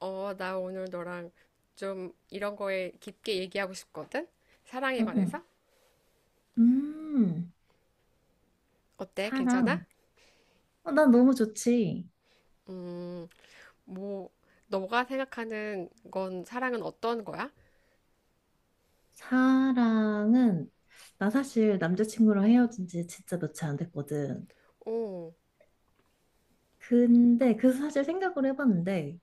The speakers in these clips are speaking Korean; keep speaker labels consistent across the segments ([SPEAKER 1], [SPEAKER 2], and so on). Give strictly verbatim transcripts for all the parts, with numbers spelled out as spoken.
[SPEAKER 1] 어, 나 오늘 너랑 좀 이런 거에 깊게 얘기하고 싶거든? 사랑에
[SPEAKER 2] 어, 어.
[SPEAKER 1] 관해서?
[SPEAKER 2] 음,
[SPEAKER 1] 어때? 괜찮아?
[SPEAKER 2] 사랑. 어, 난 너무 좋지.
[SPEAKER 1] 음, 뭐, 너가 생각하는 건 사랑은 어떤 거야?
[SPEAKER 2] 사랑은, 나 사실 남자친구랑 헤어진 지 진짜 며칠 안 됐거든.
[SPEAKER 1] 오,
[SPEAKER 2] 근데 그 사실 생각을 해봤는데,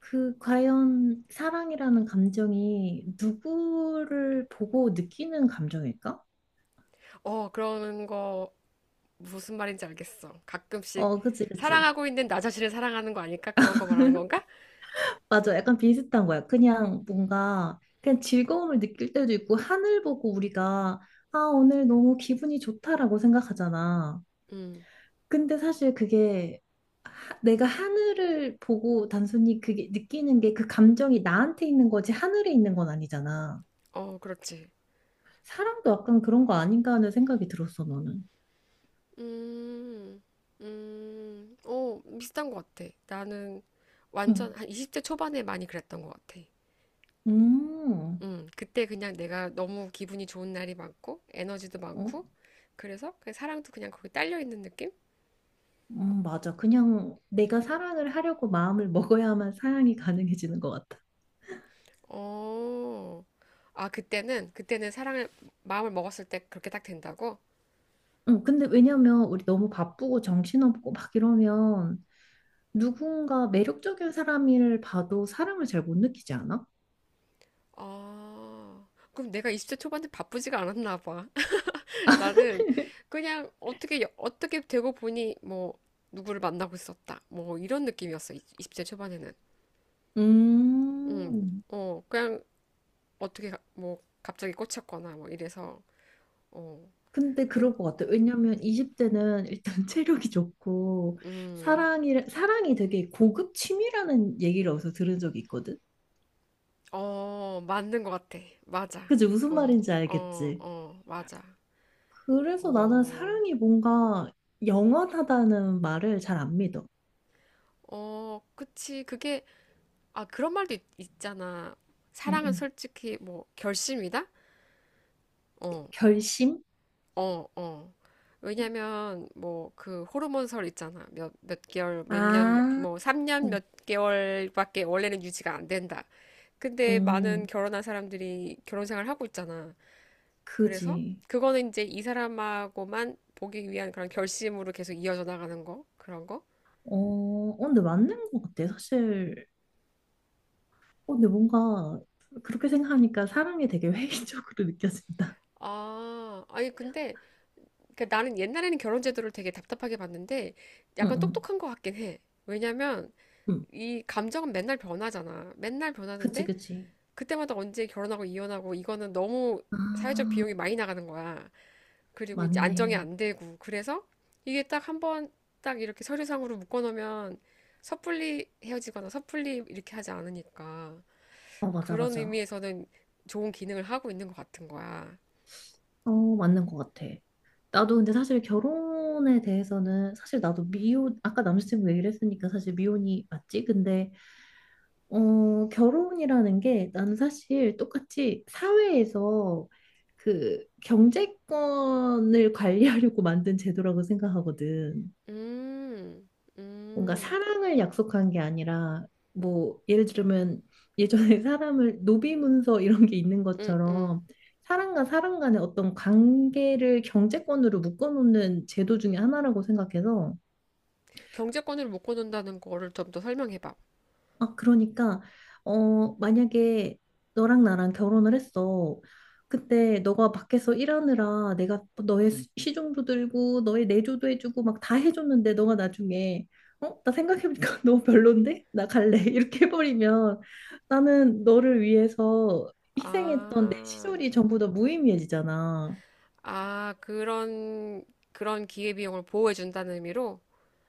[SPEAKER 2] 그 과연 사랑이라는 감정이 누구를 보고 느끼는 감정일까?
[SPEAKER 1] 어, 그런 거 무슨 말인지 알겠어. 가끔씩
[SPEAKER 2] 어, 그치, 그치.
[SPEAKER 1] 사랑하고 있는 나 자신을 사랑하는 거 아닐까? 그런 거 말하는 건가?
[SPEAKER 2] 맞아. 약간 비슷한 거야. 그냥 뭔가, 그냥 즐거움을 느낄 때도 있고, 하늘 보고 우리가, 아, 오늘 너무 기분이 좋다라고 생각하잖아.
[SPEAKER 1] 음,
[SPEAKER 2] 근데 사실 그게 내가 하늘을 보고 단순히 그게 느끼는 게 그 감정이 나한테 있는 거지 하늘에 있는 건 아니잖아.
[SPEAKER 1] 어, 그렇지.
[SPEAKER 2] 사람도 약간 그런 거 아닌가 하는 생각이 들었어, 너는.
[SPEAKER 1] 음, 음, 어, 비슷한 것 같아. 나는 완전
[SPEAKER 2] 응.
[SPEAKER 1] 한 이십 대 초반에 많이 그랬던 것 같아.
[SPEAKER 2] 음,
[SPEAKER 1] 음, 그때 그냥 내가 너무 기분이 좋은 날이 많고, 에너지도
[SPEAKER 2] 어?
[SPEAKER 1] 많고, 그래서 그 사랑도 그냥 거기 딸려 있는 느낌?
[SPEAKER 2] 음, 맞아. 그냥 내가 사랑을 하려고 마음을 먹어야만 사랑이 가능해지는 것 같아.
[SPEAKER 1] 어, 아, 그때는, 그때는 사랑을, 마음을 먹었을 때 그렇게 딱 된다고?
[SPEAKER 2] 응, 근데 왜냐면 우리 너무 바쁘고 정신없고 막 이러면 누군가 매력적인 사람을 봐도 사랑을 잘 못 느끼지 않아?
[SPEAKER 1] 아, 그럼 내가 이십 대 초반에 바쁘지가 않았나 봐. 나는 그냥 어떻게, 어떻게 되고 보니 뭐, 누구를 만나고 있었다. 뭐, 이런 느낌이었어. 이십 대 초반에는. 음,
[SPEAKER 2] 음.
[SPEAKER 1] 어, 그냥 어떻게, 가- 뭐, 갑자기 꽂혔거나 뭐 이래서, 어.
[SPEAKER 2] 근데
[SPEAKER 1] 그,
[SPEAKER 2] 그럴 것 같아요. 왜냐면 이십 대는 일단 체력이 좋고
[SPEAKER 1] 음,
[SPEAKER 2] 사랑이 사랑이 되게 고급 취미라는 얘기를 어디서 들은 적이 있거든.
[SPEAKER 1] 어, 맞는 것 같아. 맞아.
[SPEAKER 2] 그지 무슨
[SPEAKER 1] 어,
[SPEAKER 2] 말인지
[SPEAKER 1] 어,
[SPEAKER 2] 알겠지?
[SPEAKER 1] 어, 맞아.
[SPEAKER 2] 그래서 나는
[SPEAKER 1] 어,
[SPEAKER 2] 사랑이 뭔가 영원하다는 말을 잘 안 믿어.
[SPEAKER 1] 어, 그치. 그게, 아, 그런 말도 있, 있잖아.
[SPEAKER 2] 응,
[SPEAKER 1] 사랑은
[SPEAKER 2] 응.
[SPEAKER 1] 솔직히, 뭐, 결심이다? 어,
[SPEAKER 2] 결심?
[SPEAKER 1] 어, 어. 왜냐면, 뭐, 그, 호르몬설 있잖아. 몇, 몇 개월, 몇 년, 몇-
[SPEAKER 2] 아,
[SPEAKER 1] 뭐, 삼 년 몇 개월밖에 원래는 유지가 안 된다. 근데 많은
[SPEAKER 2] 음,
[SPEAKER 1] 결혼한 사람들이 결혼 생활 하고 있잖아. 그래서
[SPEAKER 2] 그지.
[SPEAKER 1] 그거는 이제 이 사람하고만 보기 위한 그런 결심으로 계속 이어져 나가는 거 그런 거?
[SPEAKER 2] 어, 어, 근데 맞는 것 같아. 사실, 어, 근데 뭔가 그렇게 생각하니까 사랑이 되게 회의적으로 느껴진다.
[SPEAKER 1] 아, 아니 근데 그 나는 옛날에는 결혼 제도를 되게 답답하게 봤는데
[SPEAKER 2] 응,
[SPEAKER 1] 약간
[SPEAKER 2] 응,
[SPEAKER 1] 똑똑한 것 같긴 해. 왜냐면
[SPEAKER 2] 응.
[SPEAKER 1] 이 감정은 맨날 변하잖아. 맨날
[SPEAKER 2] 그치,
[SPEAKER 1] 변하는데
[SPEAKER 2] 그치.
[SPEAKER 1] 그때마다 언제 결혼하고 이혼하고 이거는 너무
[SPEAKER 2] 아,
[SPEAKER 1] 사회적 비용이 많이 나가는 거야. 그리고 이제 안정이
[SPEAKER 2] 맞네.
[SPEAKER 1] 안 되고 그래서 이게 딱 한번 딱 이렇게 서류상으로 묶어놓으면 섣불리 헤어지거나 섣불리 이렇게 하지 않으니까
[SPEAKER 2] 어, 맞아,
[SPEAKER 1] 그런
[SPEAKER 2] 맞아.
[SPEAKER 1] 의미에서는 좋은 기능을 하고 있는 것 같은 거야.
[SPEAKER 2] 어, 맞는 것 같아. 나도 근데 사실 결혼에 대해서는 사실 나도 미혼, 아까 남자친구 얘기를 했으니까 사실 미혼이 맞지? 근데, 어, 결혼이라는 게 나는 사실 똑같이 사회에서 그 경제권을 관리하려고 만든 제도라고 생각하거든.
[SPEAKER 1] 음,
[SPEAKER 2] 뭔가
[SPEAKER 1] 음,
[SPEAKER 2] 사랑을 약속한 게 아니라 뭐 예를 들면 예전에 사람을 노비문서 이런 게 있는
[SPEAKER 1] 음, 음.
[SPEAKER 2] 것처럼 사람과 사람 간의 어떤 관계를 경제권으로 묶어놓는 제도 중에 하나라고 생각해서
[SPEAKER 1] 경제권을 묶어놓는다는 거를 좀 더 설명해봐.
[SPEAKER 2] 아, 그러니까, 어, 만약에 너랑 나랑 결혼을 했어. 그때 너가 밖에서 일하느라 내가 너의 시- 시중도 들고 너의 내조도 해주고 막 다 해줬는데 너가 나중에 어? 나 생각해보니까 너무 별론데? 나 갈래. 이렇게 해버리면 나는 너를 위해서 희생했던 내
[SPEAKER 1] 아,
[SPEAKER 2] 시절이 전부 다 무의미해지잖아.
[SPEAKER 1] 아, 그런, 그런 기회비용을 보호해준다는 의미로?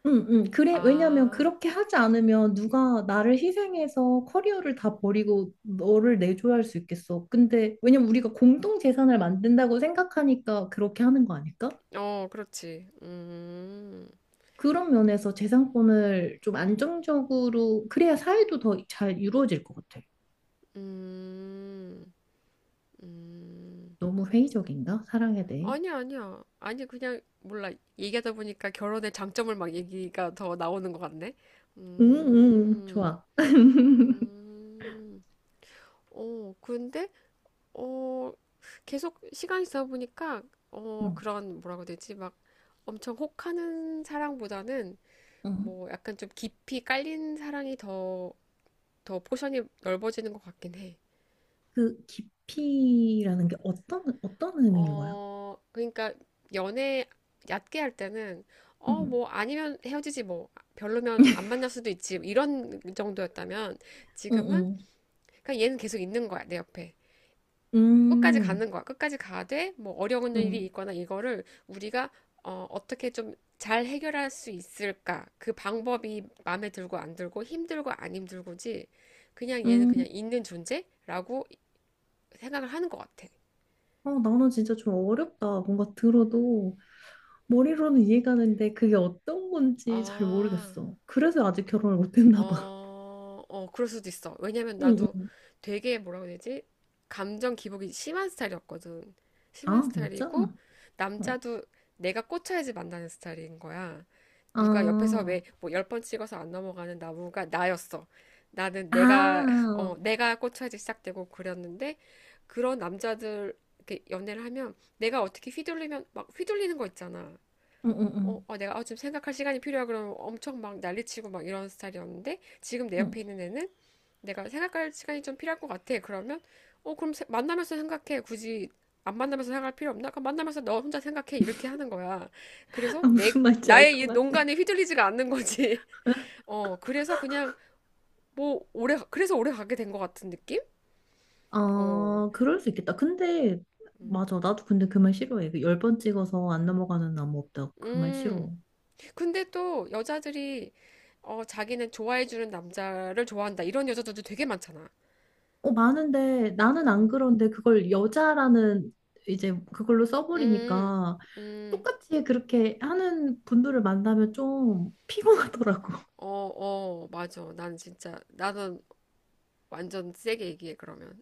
[SPEAKER 2] 응, 응. 그래, 왜냐면
[SPEAKER 1] 아,
[SPEAKER 2] 그렇게 하지 않으면 누가 나를 희생해서 커리어를 다 버리고 너를 내줘야 할 수 있겠어. 근데 왜냐면 우리가 공동 재산을 만든다고 생각하니까 그렇게 하는 거 아닐까?
[SPEAKER 1] 어, 그렇지. 음,
[SPEAKER 2] 그런 면에서 재산권을 좀 안정적으로 그래야 사회도 더 잘 이루어질 것 같아.
[SPEAKER 1] 음. 음,
[SPEAKER 2] 너무 회의적인가? 사랑에 대해.
[SPEAKER 1] 아니야, 아니야. 아니, 그냥, 몰라. 얘기하다 보니까 결혼의 장점을 막 얘기가 더 나오는 것 같네.
[SPEAKER 2] 응, 응,
[SPEAKER 1] 음,
[SPEAKER 2] 좋아.
[SPEAKER 1] 음, 어, 근데, 어, 계속 시간이 지나 보니까, 어,
[SPEAKER 2] 응,
[SPEAKER 1] 그런, 뭐라고 해야 되지? 막 엄청 혹하는 사랑보다는,
[SPEAKER 2] 응.
[SPEAKER 1] 뭐, 약간 좀 깊이 깔린 사랑이 더, 더 포션이 넓어지는 것 같긴 해.
[SPEAKER 2] 그 깊이라는 게 어떤 어떤 의미인 거야?
[SPEAKER 1] 어, 그러니까 연애 얕게 할 때는 어,
[SPEAKER 2] 응.
[SPEAKER 1] 뭐 아니면 헤어지지 뭐 별로면 안 만날 수도 있지 이런 정도였다면
[SPEAKER 2] 응응.
[SPEAKER 1] 지금은 그냥 얘는 계속 있는 거야 내 옆에 끝까지
[SPEAKER 2] 음.
[SPEAKER 1] 가는 거야 끝까지 가되 뭐 어려운 일이
[SPEAKER 2] 응.
[SPEAKER 1] 있거나 이거를 우리가 어, 어떻게 좀 잘 해결할 수 있을까 그 방법이 마음에 들고 안 들고 힘들고 안 힘들고지 그냥 얘는
[SPEAKER 2] 음,
[SPEAKER 1] 그냥 있는 존재라고 생각을 하는 것 같아.
[SPEAKER 2] 어, 나는 진짜 좀 어렵다. 뭔가 들어도 머리로는 이해가 되는데 그게 어떤 건지 잘
[SPEAKER 1] 아.
[SPEAKER 2] 모르겠어. 그래서 아직 결혼을 못 했나 봐.
[SPEAKER 1] 어, 어, 그럴 수도 있어. 왜냐면
[SPEAKER 2] 응,
[SPEAKER 1] 나도
[SPEAKER 2] 응.
[SPEAKER 1] 되게 뭐라고 해야 되지? 감정 기복이 심한 스타일이었거든. 심한
[SPEAKER 2] 아, 진짜?
[SPEAKER 1] 스타일이고,
[SPEAKER 2] 어.
[SPEAKER 1] 남자도 내가 꽂혀야지 만나는 스타일인 거야. 누가 옆에서
[SPEAKER 2] 아,
[SPEAKER 1] 왜 뭐 열 번 찍어서 안 넘어가는 나무가 나였어. 나는 내가,
[SPEAKER 2] 아,
[SPEAKER 1] 어, 내가 꽂혀야지 시작되고 그랬는데, 그런 남자들, 이렇게 연애를 하면 내가 어떻게 휘둘리면 막 휘둘리는 거 있잖아.
[SPEAKER 2] 응, 응,
[SPEAKER 1] 어,
[SPEAKER 2] 응.
[SPEAKER 1] 어, 내가 어, 지금 생각할 시간이 필요하 그러면 엄청 막 난리치고 막 이런 스타일이었는데 지금 내
[SPEAKER 2] 응.
[SPEAKER 1] 옆에 있는 애는 내가 생각할 시간이 좀 필요할 것 같아. 그러면 어, 그럼 세- 만나면서 생각해. 굳이 안 만나면서 생각할 필요 없나? 그럼 만나면서 너 혼자 생각해. 이렇게 하는 거야. 그래서
[SPEAKER 2] 아,
[SPEAKER 1] 내
[SPEAKER 2] 무슨 말인지 알
[SPEAKER 1] 나의
[SPEAKER 2] 것
[SPEAKER 1] 이
[SPEAKER 2] 같아.
[SPEAKER 1] 농간에 휘둘리지가 않는 거지. 어, 그래서 그냥 뭐 오래 가- 그래서 오래 가게 된 것 같은 느낌? 어.
[SPEAKER 2] 아, 그럴 수 있겠다. 근데,
[SPEAKER 1] 음.
[SPEAKER 2] 맞아. 나도 근데 그 말 싫어해. 그 열번 찍어서 안 넘어가는 나무 없다. 그 말 싫어.
[SPEAKER 1] 음. 근데 또 여자들이 어, 자기는 좋아해주는 남자를 좋아한다. 이런 여자들도 되게 많잖아.
[SPEAKER 2] 어, 많은데, 나는 안
[SPEAKER 1] 음.
[SPEAKER 2] 그런데 그걸 여자라는 이제 그걸로
[SPEAKER 1] 음,
[SPEAKER 2] 써버리니까
[SPEAKER 1] 음,
[SPEAKER 2] 똑같이 그렇게 하는 분들을 만나면 좀 피곤하더라고.
[SPEAKER 1] 어, 어, 맞아. 난 진짜, 나는 완전 세게 얘기해, 그러면.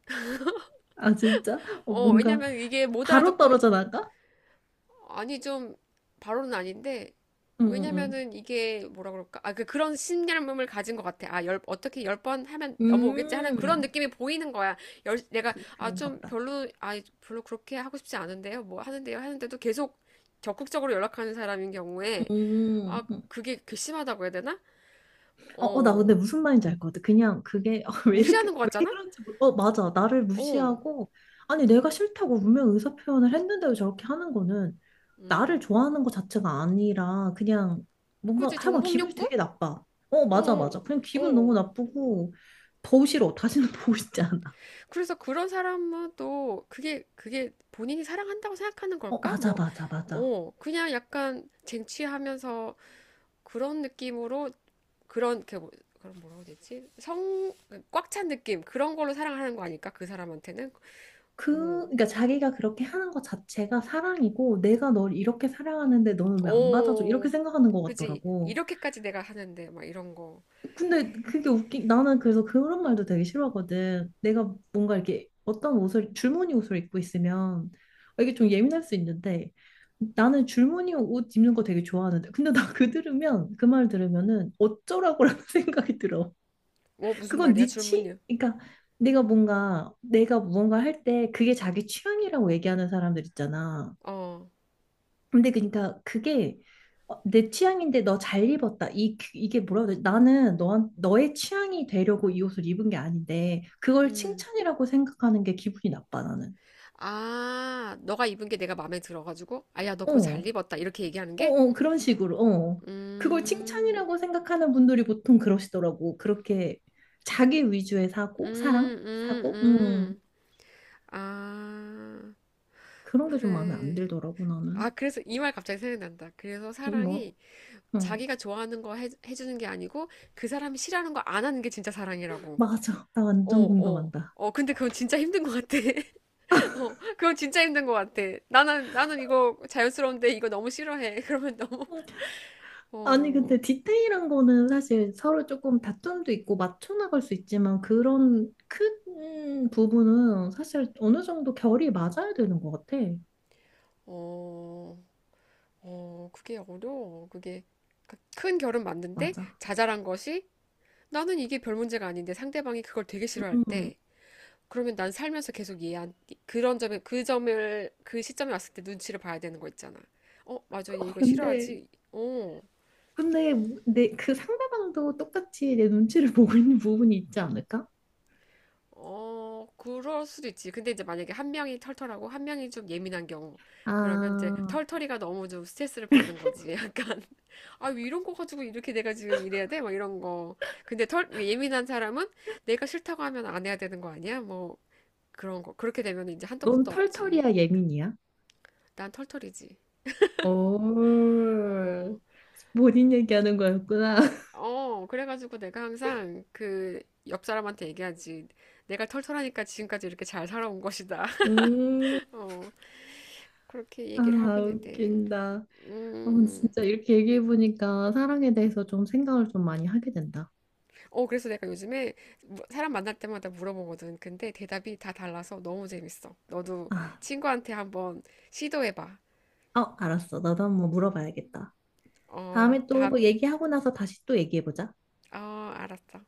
[SPEAKER 2] 아, 진짜? 어,
[SPEAKER 1] 어,
[SPEAKER 2] 뭔가
[SPEAKER 1] 왜냐면 이게 못
[SPEAKER 2] 바로
[SPEAKER 1] 알아듣고,
[SPEAKER 2] 떨어져 나가?
[SPEAKER 1] 아니, 좀, 바로는 아닌데,
[SPEAKER 2] 응, 응,
[SPEAKER 1] 왜냐면은 이게 뭐라 그럴까? 아, 그, 그런 신념을 가진 것 같아. 아, 열, 어떻게 열 번 하면
[SPEAKER 2] 응.
[SPEAKER 1] 넘어오겠지 하는 그런
[SPEAKER 2] 음,
[SPEAKER 1] 느낌이 보이는 거야. 열, 내가,
[SPEAKER 2] 그,
[SPEAKER 1] 아,
[SPEAKER 2] 그런가
[SPEAKER 1] 좀
[SPEAKER 2] 보다.
[SPEAKER 1] 별로, 아, 별로 그렇게 하고 싶지 않은데요. 뭐 하는데요. 하는데도 계속 적극적으로 연락하는 사람인 경우에, 아,
[SPEAKER 2] 음, 음.
[SPEAKER 1] 그게 괘씸하다고 해야 되나?
[SPEAKER 2] 어, 어, 나 근데
[SPEAKER 1] 어.
[SPEAKER 2] 무슨 말인지 알 것 같아. 그냥 그게 어, 왜 이렇게
[SPEAKER 1] 무시하는 것
[SPEAKER 2] 왜
[SPEAKER 1] 같잖아?
[SPEAKER 2] 그런지 모르. 어, 맞아. 나를
[SPEAKER 1] 어,
[SPEAKER 2] 무시하고 아니 내가 싫다고 분명 의사 표현을 했는데도 저렇게 하는 거는 나를
[SPEAKER 1] 음.
[SPEAKER 2] 좋아하는 것 자체가 아니라 그냥 뭔가
[SPEAKER 1] 그지?
[SPEAKER 2] 하여간
[SPEAKER 1] 정복
[SPEAKER 2] 기분이
[SPEAKER 1] 욕구?
[SPEAKER 2] 되게 나빠. 어, 맞아,
[SPEAKER 1] 어,
[SPEAKER 2] 맞아. 그냥 기분 너무
[SPEAKER 1] 어.
[SPEAKER 2] 나쁘고 더 싫어. 다시는 보고 지 않아.
[SPEAKER 1] 그래서 그런 사람은 또 그게, 그게 본인이 사랑한다고 생각하는
[SPEAKER 2] 어,
[SPEAKER 1] 걸까?
[SPEAKER 2] 맞아,
[SPEAKER 1] 뭐,
[SPEAKER 2] 맞아, 맞아.
[SPEAKER 1] 어, 그냥 약간 쟁취하면서 그런 느낌으로 그런, 그, 뭐- 그런 뭐라고 해야 되지? 성, 꽉 찬 느낌. 그런 걸로 사랑하는 거 아닐까? 그 사람한테는?
[SPEAKER 2] 그,
[SPEAKER 1] 음.
[SPEAKER 2] 그러니까 자기가 그렇게 하는 것 자체가 사랑이고 내가 널 이렇게 사랑하는데 너는 왜 안 받아줘? 이렇게
[SPEAKER 1] 어,
[SPEAKER 2] 생각하는 것
[SPEAKER 1] 그지?
[SPEAKER 2] 같더라고.
[SPEAKER 1] 이렇게까지 내가 하는데, 막 이런 거.
[SPEAKER 2] 근데 그게 웃기 나는 그래서 그런 말도 되게 싫어하거든. 내가 뭔가 이렇게 어떤 옷을 줄무늬 옷을 입고 있으면 아, 이게 좀 예민할 수 있는데 나는 줄무늬 옷 입는 거 되게 좋아하는데 근데 나 그 들으면 그 말 들으면은 어쩌라고라는 생각이 들어.
[SPEAKER 1] 뭐, 무슨
[SPEAKER 2] 그건
[SPEAKER 1] 말이야?
[SPEAKER 2] 네 취,
[SPEAKER 1] 줄무늬.
[SPEAKER 2] 그러니까 내가 뭔가 내가 무언가 할 때 그게 자기 취향이라고 얘기하는 사람들 있잖아.
[SPEAKER 1] 어,
[SPEAKER 2] 근데 그러니까 그게 어, 내 취향인데 너 잘 입었다. 이 그- 이게 뭐라고 해야 되지? 나는 너 너의 취향이 되려고 이 옷을 입은 게 아닌데 그걸
[SPEAKER 1] 음.
[SPEAKER 2] 칭찬이라고 생각하는 게 기분이 나빠 나는.
[SPEAKER 1] 아, 너가 입은 게 내가 마음에 들어가지고, 아, 야, 너
[SPEAKER 2] 어,
[SPEAKER 1] 그거 잘 입었다. 이렇게 얘기하는
[SPEAKER 2] 어,
[SPEAKER 1] 게?
[SPEAKER 2] 어 그런 식으로. 어. 그걸
[SPEAKER 1] 음,
[SPEAKER 2] 칭찬이라고 생각하는 분들이 보통 그러시더라고. 그렇게 자기 위주의 사고, 사랑,
[SPEAKER 1] 음, 음,
[SPEAKER 2] 사고, 음
[SPEAKER 1] 음. 아,
[SPEAKER 2] 그런 게 좀 마음에 안
[SPEAKER 1] 그래.
[SPEAKER 2] 들더라고
[SPEAKER 1] 아,
[SPEAKER 2] 나는.
[SPEAKER 1] 그래서 이 말 갑자기 생각난다. 그래서
[SPEAKER 2] 음, 뭐,
[SPEAKER 1] 사랑이
[SPEAKER 2] 어
[SPEAKER 1] 자기가 좋아하는 거 해, 해주는 게 아니고, 그 사람이 싫어하는 거 안 하는 게 진짜 사랑이라고.
[SPEAKER 2] 맞아. 나
[SPEAKER 1] 어,
[SPEAKER 2] 완전
[SPEAKER 1] 어.
[SPEAKER 2] 공감한다.
[SPEAKER 1] 어, 근데 그건 진짜 힘든 것 같아. 어, 그건 진짜 힘든 것 같아. 나는, 나는 이거 자연스러운데 이거 너무 싫어해. 그러면 너무,
[SPEAKER 2] 어. 아니, 근데
[SPEAKER 1] 어,
[SPEAKER 2] 디테일한 거는 사실 서로 조금 다툼도 있고 맞춰 나갈 수 있지만 그런 큰 부분은 사실 어느 정도 결이 맞아야 되는 것 같아.
[SPEAKER 1] 어. 어, 그게 어려워. 그게 그러니까 큰 결은 맞는데
[SPEAKER 2] 맞아.
[SPEAKER 1] 자잘한 것이 나는 이게 별 문제가 아닌데 상대방이 그걸 되게 싫어할
[SPEAKER 2] 음.
[SPEAKER 1] 때 그러면 난 살면서 계속 얘한 그런 점에 그 점을 그 시점에 왔을 때 눈치를 봐야 되는 거 있잖아. 어, 맞아. 얘 이거
[SPEAKER 2] 근데,
[SPEAKER 1] 싫어하지? 어.
[SPEAKER 2] 근데 내 그 상대방도 똑같이 내 눈치를 보고 있는 부분이 있지 않을까?
[SPEAKER 1] 어, 그럴 수도 있지. 근데 이제 만약에 한 명이 털털하고 한 명이 좀 예민한 경우, 그러면 이제
[SPEAKER 2] 아,
[SPEAKER 1] 털털이가 너무 좀 스트레스를 받는 거지. 약간, 아, 왜 이런 거 가지고 이렇게 내가 지금 이래야 돼? 막 이런 거. 근데 털, 예민한 사람은 내가 싫다고 하면 안 해야 되는 거 아니야? 뭐, 그런 거. 그렇게 되면 이제 한도
[SPEAKER 2] 넌
[SPEAKER 1] 끝도 없지.
[SPEAKER 2] 털털이야, 예민이야?
[SPEAKER 1] 난 털털이지. 어,
[SPEAKER 2] 오, 본인 얘기하는 거였구나.
[SPEAKER 1] 어, 그래가지고 내가 항상 그 옆 사람한테 얘기하지. 내가 털털하니까 지금까지 이렇게 잘 살아온 것이다.
[SPEAKER 2] 음,
[SPEAKER 1] 어, 그렇게
[SPEAKER 2] 아,
[SPEAKER 1] 얘기를 하고 있는데.
[SPEAKER 2] 웃긴다.
[SPEAKER 1] 음.
[SPEAKER 2] 어, 근데
[SPEAKER 1] 음.
[SPEAKER 2] 진짜 이렇게 얘기해보니까 사랑에 대해서 좀 생각을 좀 많이 하게 된다.
[SPEAKER 1] 어, 그래서 내가 요즘에 뭐- 사람 만날 때마다 물어보거든. 근데 대답이 다 달라서 너무 재밌어. 너도
[SPEAKER 2] 아,
[SPEAKER 1] 친구한테 한번 시도해봐.
[SPEAKER 2] 어, 알았어. 나도 한번 물어봐야겠다.
[SPEAKER 1] 어,
[SPEAKER 2] 다음에 또
[SPEAKER 1] 다,
[SPEAKER 2] 얘기하고 나서 다시 또 얘기해보자.
[SPEAKER 1] 어, 알았어.